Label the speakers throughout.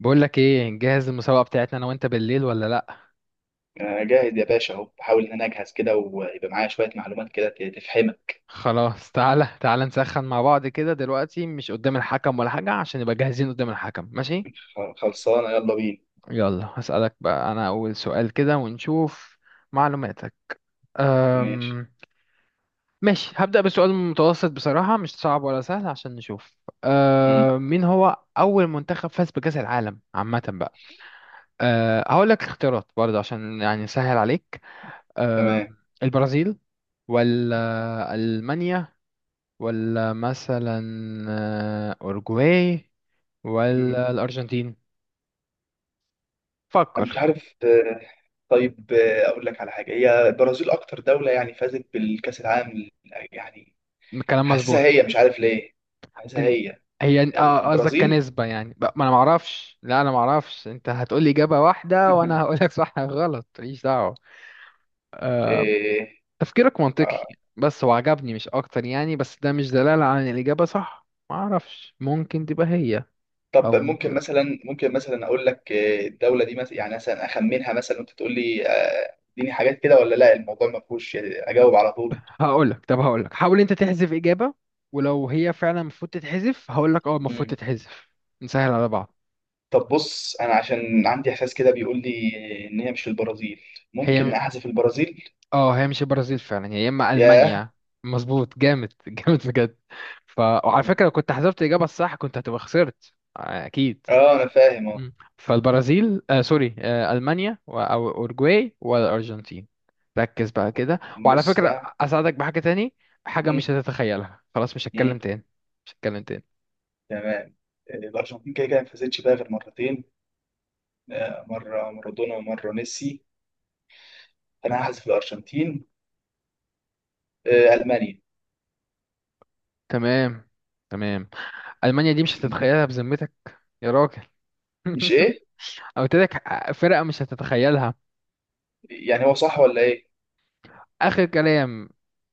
Speaker 1: بقول لك ايه، نجهز المسابقة بتاعتنا انا وانت بالليل ولا لا؟
Speaker 2: أنا جاهز يا باشا، أهو بحاول إن أنا أجهز كده ويبقى معايا شوية معلومات كده تفهمك.
Speaker 1: خلاص، تعالى تعالى نسخن مع بعض كده دلوقتي مش قدام الحكم ولا حاجة عشان نبقى جاهزين قدام الحكم، ماشي.
Speaker 2: خلصانة، يلا بينا.
Speaker 1: يلا هسألك بقى، انا اول سؤال كده ونشوف معلوماتك.
Speaker 2: ماشي.
Speaker 1: أم... ماشي. هبدأ بسؤال متوسط بصراحة، مش صعب ولا سهل عشان نشوف.
Speaker 2: مم.
Speaker 1: مين هو اول منتخب فاز بكأس العالم عامة بقى؟ هقول لك اختيارات برضه عشان يعني سهل عليك. أم...
Speaker 2: تمام.
Speaker 1: البرازيل، ولا ألمانيا، ولا مثلا أورجواي،
Speaker 2: مم.
Speaker 1: ولا الأرجنتين؟
Speaker 2: أنا مش
Speaker 1: فكر.
Speaker 2: عارف. طيب، أقول لك على حاجة. هي البرازيل أكتر دولة يعني فازت بالكأس العالم يعني،
Speaker 1: الكلام
Speaker 2: حاسسها هي،
Speaker 1: مظبوط.
Speaker 2: مش عارف ليه، حاسسها
Speaker 1: انت،
Speaker 2: هي
Speaker 1: هي قصدك
Speaker 2: البرازيل.
Speaker 1: كنسبة يعني؟ ما انا معرفش، لا انا معرفش، انت هتقولي إجابة واحدة وانا هقولك صح غلط، ماليش دعوة.
Speaker 2: إيه،
Speaker 1: تفكيرك منطقي
Speaker 2: آه.
Speaker 1: بس هو عجبني مش اكتر يعني، بس ده مش دلالة على ان الإجابة صح، معرفش، ممكن تبقى هي او
Speaker 2: طب،
Speaker 1: ممكن
Speaker 2: ممكن
Speaker 1: لا.
Speaker 2: مثلا ممكن مثلا أقول لك الدولة دي مثلا، يعني مثلا أخمنها مثلا، وأنت تقول لي اديني حاجات كده ولا لا. الموضوع ما فيهوش اجاوب على طول.
Speaker 1: هقولك، طب هقولك حاول انت تحذف إجابة ولو هي فعلا المفروض تتحذف هقولك اه المفروض
Speaker 2: مم.
Speaker 1: تتحذف، نسهل على بعض.
Speaker 2: طب بص، انا عشان عندي احساس كده بيقول لي ان هي مش البرازيل.
Speaker 1: هي
Speaker 2: ممكن
Speaker 1: م-
Speaker 2: احذف البرازيل.
Speaker 1: اه، هي مش البرازيل فعلا، هي يا اما
Speaker 2: ياه.
Speaker 1: المانيا. مظبوط، جامد جامد بجد. وعلى
Speaker 2: مم.
Speaker 1: فكره، لو كنت حسبت الاجابه الصح كنت هتبقى خسرت اكيد.
Speaker 2: اه، انا فاهم، اه.
Speaker 1: مم. فالبرازيل، سوري، المانيا او اورجواي والارجنتين. ركز بقى كده. وعلى
Speaker 2: بص
Speaker 1: فكره
Speaker 2: بقى.
Speaker 1: اساعدك بحاجه تاني، حاجه مش
Speaker 2: مم.
Speaker 1: هتتخيلها، خلاص مش
Speaker 2: مم.
Speaker 1: هتكلم تاني، مش هتكلم تاني.
Speaker 2: تمام. الارجنتين كده كده ما فازتش بقى غير مرتين. مره مارادونا ومره ميسي، فانا هحذف الارجنتين. المانيا.
Speaker 1: تمام تمام، المانيا دي مش
Speaker 2: مم.
Speaker 1: هتتخيلها بذمتك، يا راجل
Speaker 2: مش ايه؟
Speaker 1: قلت لك فرقه مش هتتخيلها.
Speaker 2: يعني هو صح ولا ايه؟
Speaker 1: آخر كلام،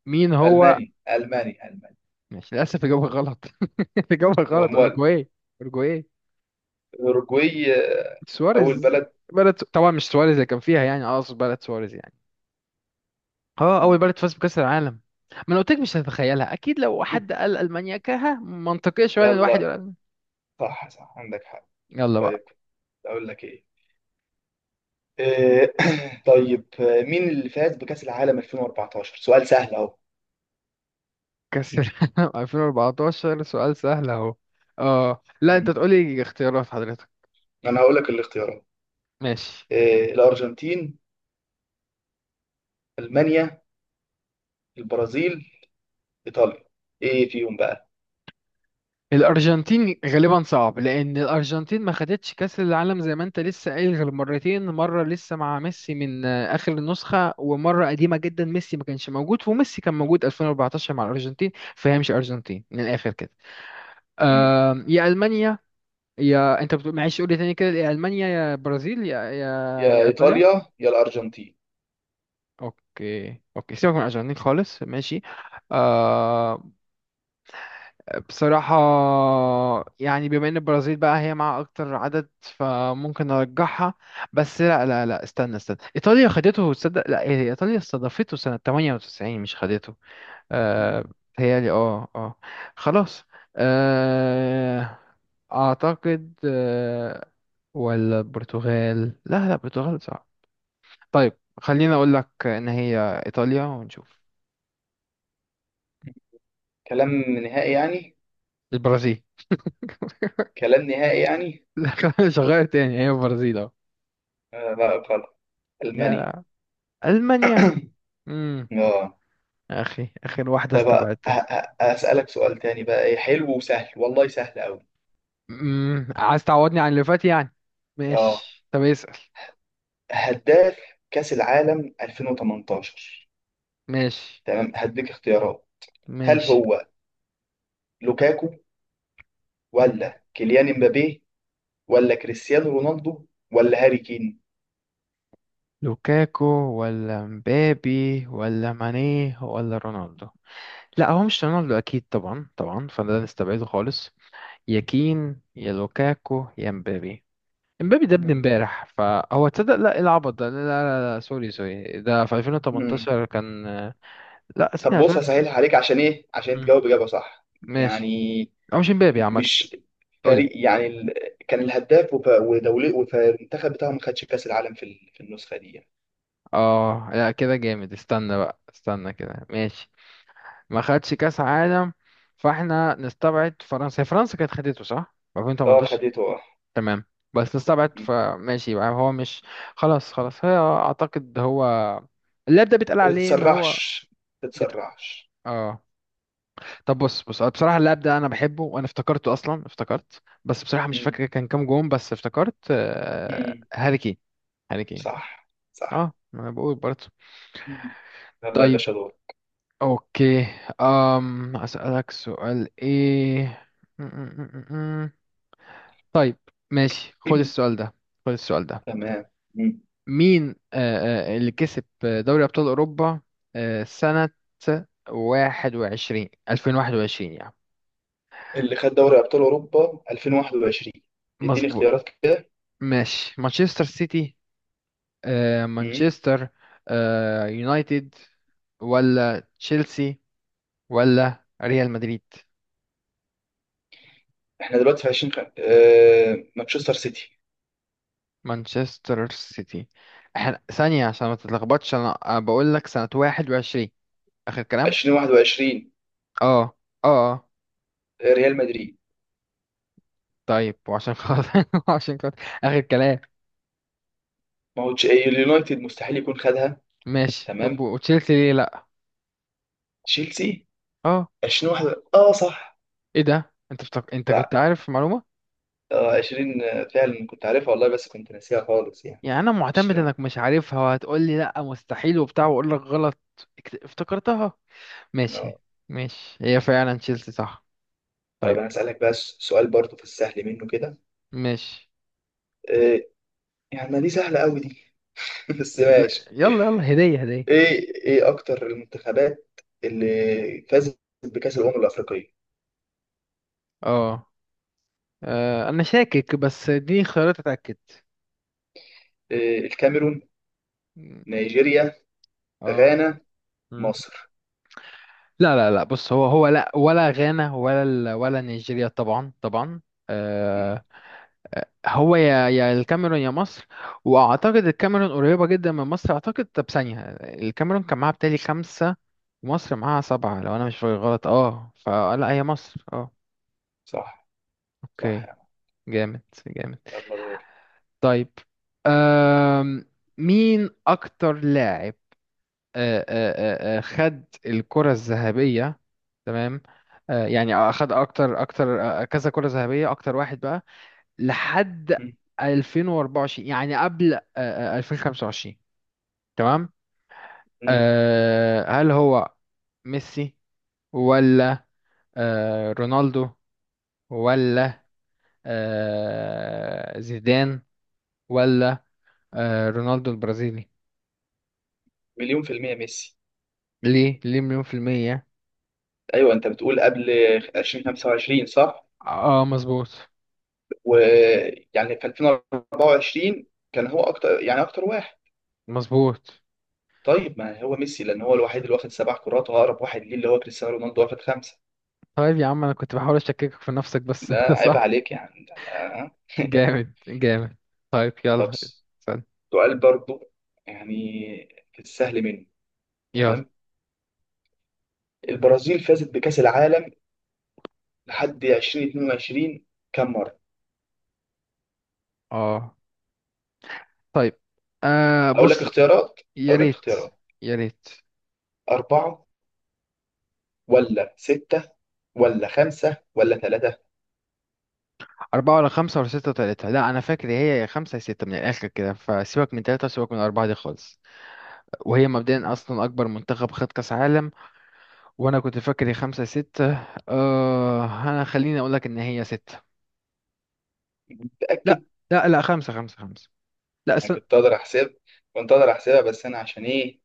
Speaker 1: مين هو؟
Speaker 2: المانيا، المانيا، المانيا.
Speaker 1: مش للأسف، إجابة غلط. إجابة غلط،
Speaker 2: امال
Speaker 1: أورجواي. أورجواي
Speaker 2: اوروجواي. اول
Speaker 1: سواريز،
Speaker 2: بلد.
Speaker 1: بلد طبعا، مش سواريز اللي كان فيها يعني، أقصد بلد سواريز يعني. اه، أول
Speaker 2: مم.
Speaker 1: بلد فاز بكأس العالم. ما أنا قلت لك مش هتتخيلها، أكيد لو حد قال ألمانيا كها منطقية شوية إن الواحد يقول
Speaker 2: يلا.
Speaker 1: ألمانيا.
Speaker 2: صح صح، عندك حق.
Speaker 1: يلا
Speaker 2: طيب
Speaker 1: بقى.
Speaker 2: كنت اقول لك ايه، آه، طيب، مين اللي فاز بكأس العالم 2014؟ سؤال سهل اهو.
Speaker 1: كأس العالم 2014 سؤال سهل أهو. اه لا، أنت
Speaker 2: مم.
Speaker 1: تقولي اختيارات حضرتك.
Speaker 2: انا هقول لك الاختيارات.
Speaker 1: ماشي.
Speaker 2: الارجنتين، المانيا، البرازيل، ايطاليا، ايه فيهم بقى؟
Speaker 1: الارجنتين غالبا صعب، لان الارجنتين ما خدتش كاس العالم زي ما انت لسه قايل غير مرتين، مره لسه مع ميسي من اخر النسخه، ومره قديمه جدا ميسي ما كانش موجود، وميسي كان موجود 2014 مع الارجنتين. فهي مش ارجنتين من الاخر كده.
Speaker 2: مم.
Speaker 1: يا المانيا، يا انت بتقول، معلش قول لي تاني كده، يا المانيا يا برازيل يا يا
Speaker 2: يا
Speaker 1: يا ايطاليا؟
Speaker 2: ايطاليا يا الارجنتين.
Speaker 1: اوكي اوكي، سيبك من الارجنتين خالص، ماشي. آه بصراحة، يعني بما ان البرازيل بقى هي مع اكتر عدد فممكن ارجحها. بس لا لا لا، استنى استنى، ايطاليا خدته؟ تصدق لا، هي ايطاليا استضافته سنة 98 مش خدته. آه
Speaker 2: مم.
Speaker 1: بيتهيألي، اه اه، خلاص، آه اعتقد، ولا البرتغال؟ لا لا، البرتغال صعب. طيب خليني اقول لك ان هي ايطاليا ونشوف.
Speaker 2: كلام نهائي يعني؟
Speaker 1: البرازيل.
Speaker 2: كلام نهائي يعني؟
Speaker 1: لا، مش هغير تاني، هي البرازيل اهو.
Speaker 2: لا غلط.
Speaker 1: يا
Speaker 2: المانيا.
Speaker 1: لا. المانيا؟
Speaker 2: اه.
Speaker 1: اخي، اخر واحدة
Speaker 2: طيب،
Speaker 1: استبعدتها.
Speaker 2: هسألك سؤال تاني بقى، ايه حلو وسهل، والله سهل قوي.
Speaker 1: عايز تعوضني عن اللي فات يعني،
Speaker 2: اه،
Speaker 1: ماشي طب اسأل.
Speaker 2: هداف كأس العالم 2018.
Speaker 1: ماشي.
Speaker 2: تمام، هديك اختيارات. هل
Speaker 1: ماشي.
Speaker 2: هو لوكاكو،
Speaker 1: مم.
Speaker 2: ولا كيليان امبابي، ولا كريستيانو رونالدو، ولا هاري كين؟
Speaker 1: لوكاكو ولا مبابي ولا ماني ولا رونالدو؟ لا هو مش رونالدو اكيد، طبعا طبعا، فده نستبعده خالص. يا كين يا لوكاكو يا مبابي. مبابي ده ابن
Speaker 2: مم.
Speaker 1: امبارح فهو، تصدق لا، إيه العبط ده، لا لا لا, لا سوري سوري، ده في
Speaker 2: مم.
Speaker 1: 2018 كان. لا
Speaker 2: طب
Speaker 1: سنة
Speaker 2: بص،
Speaker 1: 2000.
Speaker 2: هسهلها عليك. عشان ايه؟ عشان
Speaker 1: مم.
Speaker 2: تجاوب اجابه صح.
Speaker 1: ماشي.
Speaker 2: يعني
Speaker 1: هو مش مبابي عامة؟
Speaker 2: مش
Speaker 1: قولي.
Speaker 2: فريق يعني ال... كان الهداف ودولي، والمنتخب بتاعه ما خدش كاس العالم في في النسخه دي.
Speaker 1: اه لا كده جامد، استنى بقى استنى كده، ماشي. ما خدش كاس عالم، فاحنا نستبعد فرنسا، هي فرنسا كانت خدته صح
Speaker 2: اه
Speaker 1: 2018.
Speaker 2: خدته، اه.
Speaker 1: تمام، بس نستبعد
Speaker 2: مم.
Speaker 1: فماشي، يبقى هو مش. خلاص خلاص، هي اعتقد هو، اللاعب ده بيتقال
Speaker 2: ما
Speaker 1: عليه ان هو.
Speaker 2: تتسرعش، ما
Speaker 1: بت...
Speaker 2: تتسرعش.
Speaker 1: اه طب بص بص، أنا بصراحة اللاعب ده انا بحبه، وانا افتكرته اصلا، افتكرت، بس بصراحة مش
Speaker 2: مم.
Speaker 1: فاكر كان كام جون، بس افتكرت
Speaker 2: مم.
Speaker 1: هاري كين. هاري كين.
Speaker 2: صح
Speaker 1: اه
Speaker 2: صح.
Speaker 1: ما انا بقول برضه.
Speaker 2: مم. يلا يا
Speaker 1: طيب.
Speaker 2: باشا دور.
Speaker 1: اوكي. اسالك سؤال ايه، م- م- م- م- م. طيب. ماشي خد السؤال ده، خد السؤال ده.
Speaker 2: تمام.
Speaker 1: مين اللي كسب دوري ابطال اوروبا سنة 21، 2021 يعني؟
Speaker 2: اللي خد دوري ابطال اوروبا 2021؟ اديني
Speaker 1: مظبوط.
Speaker 2: اختيارات كده.
Speaker 1: ماشي، مانشستر سيتي،
Speaker 2: مم.
Speaker 1: مانشستر يونايتد، ولا تشيلسي، ولا ريال مدريد؟
Speaker 2: احنا دلوقتي في 20 مانشستر سيتي.
Speaker 1: مانشستر سيتي. احنا ثانية عشان ما تتلخبطش، انا أنا بقول لك سنة 21، اخر كلام.
Speaker 2: 2021
Speaker 1: اه. اه. اه.
Speaker 2: ريال مدريد.
Speaker 1: طيب وعشان خاطر وعشان خاطر اخر كلام.
Speaker 2: ما هو اليونايتد مستحيل يكون خدها.
Speaker 1: ماشي، طب
Speaker 2: تمام،
Speaker 1: وتشيلسي ليه لا؟
Speaker 2: تشيلسي
Speaker 1: اه.
Speaker 2: 2021، اه صح.
Speaker 1: ايه ده، انت انت
Speaker 2: لا
Speaker 1: كنت عارف المعلومة؟
Speaker 2: 20 فعلا كنت عارفها والله، بس كنت ناسيها خالص يعني.
Speaker 1: يعني انا معتمد
Speaker 2: 20
Speaker 1: انك مش عارفها وهتقول لي لا مستحيل وبتاع واقول لك غلط. افتكرتها. ماشي.
Speaker 2: آه.
Speaker 1: ماشي، هي فعلا تشيلسي صح. طيب.
Speaker 2: طيب انا اسالك بقى سؤال برضه في السهل منه كده.
Speaker 1: ماشي.
Speaker 2: آه... يعني ما دي سهله قوي دي. بس
Speaker 1: ل-
Speaker 2: ماشي.
Speaker 1: يلا يلا، هدية هدية.
Speaker 2: ايه اكتر المنتخبات اللي فازت بكأس الأمم الأفريقية؟
Speaker 1: اه. انا شاكك، بس دي خيارات اتاكد.
Speaker 2: إيه، الكاميرون،
Speaker 1: مم،
Speaker 2: نيجيريا،
Speaker 1: اه.
Speaker 2: غانا،
Speaker 1: مم.
Speaker 2: مصر.
Speaker 1: لا لا لا بص، هو لا، ولا غانا، ولا نيجيريا، طبعا طبعا.
Speaker 2: مم.
Speaker 1: آه هو يا الكاميرون يا مصر. واعتقد الكاميرون قريبه جدا من مصر، اعتقد، طب ثانيه، الكاميرون كان معاها بتالي خمسه، ومصر معاها سبعه لو انا مش فاكر غلط، اه فلا هي مصر، اه.
Speaker 2: صح صح
Speaker 1: اوكي.
Speaker 2: يا عم،
Speaker 1: جامد جامد.
Speaker 2: يلا دور.
Speaker 1: طيب. آم، مين اكتر لاعب خد الكرة الذهبية، تمام، يعني اخد اكتر اكتر كذا كرة ذهبية، اكتر واحد بقى لحد
Speaker 2: مم.
Speaker 1: 2024، يعني قبل 2025، تمام؟
Speaker 2: مم.
Speaker 1: هل هو ميسي، ولا رونالدو،
Speaker 2: مم.
Speaker 1: ولا زيدان، ولا رونالدو البرازيلي؟
Speaker 2: مليون في المية ميسي.
Speaker 1: ليه مليون في المية؟
Speaker 2: أيوة، أنت بتقول قبل 2025 صح؟
Speaker 1: اه مظبوط،
Speaker 2: ويعني في 2024 كان هو أكتر، يعني أكتر واحد.
Speaker 1: مظبوط.
Speaker 2: طيب، ما هو ميسي، لأن هو الوحيد اللي واخد سبع كرات، وأقرب واحد ليه اللي هو كريستيانو رونالدو، واخد خمسة.
Speaker 1: طيب يا عم، انا كنت بحاول اشككك في نفسك بس
Speaker 2: ده
Speaker 1: انت
Speaker 2: عيب
Speaker 1: صح.
Speaker 2: عليك يعني.
Speaker 1: جامد جامد. طيب
Speaker 2: طب
Speaker 1: يلا. استنى.
Speaker 2: سؤال برضو، يعني في السهل منه.
Speaker 1: يلا.
Speaker 2: تمام. البرازيل فازت بكأس العالم لحد 2022 كم مرة؟
Speaker 1: اه. طيب
Speaker 2: هقول لك
Speaker 1: بص.
Speaker 2: اختيارات
Speaker 1: يا
Speaker 2: هقول لك
Speaker 1: ريت
Speaker 2: اختيارات
Speaker 1: يا ريت.
Speaker 2: أربعة، ولا ستة، ولا خمسة، ولا ثلاثة؟
Speaker 1: أربعة ولا خمسة ولا ستة وتلاتة؟ لا أنا فاكر هي يا خمسة يا ستة من الآخر كده، فسيبك من تلاتة وسيبك من أربعة دي خالص. وهي مبدئيا أصلا أكبر منتخب خد كأس عالم، وأنا كنت فاكر هي خمسة يا ستة. أنا خليني أقولك إن هي ستة.
Speaker 2: متأكد؟
Speaker 1: لا لا لا خمسة خمسة خمسة، لا
Speaker 2: أنا
Speaker 1: استنى.
Speaker 2: كنت أقدر أحسبها، بس أنا عشان إيه؟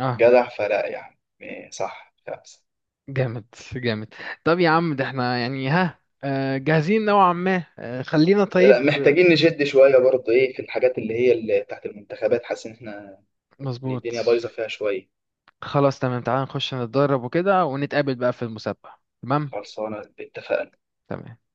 Speaker 1: آه
Speaker 2: جدع، فلا يعني إيه، صح خمسة.
Speaker 1: جامد جامد. طب يا عم، ده احنا يعني ها جاهزين نوعا ما، خلينا،
Speaker 2: لا،
Speaker 1: طيب.
Speaker 2: محتاجين نشد شوية برضه. إيه في الحاجات اللي هي اللي تحت المنتخبات، حاسس إن
Speaker 1: مظبوط.
Speaker 2: الدنيا بايظة فيها شوية.
Speaker 1: خلاص تمام، تعال نخش نتدرب وكده ونتقابل بقى في المسابقة، تمام.
Speaker 2: خلصانة، اتفقنا.
Speaker 1: تمام.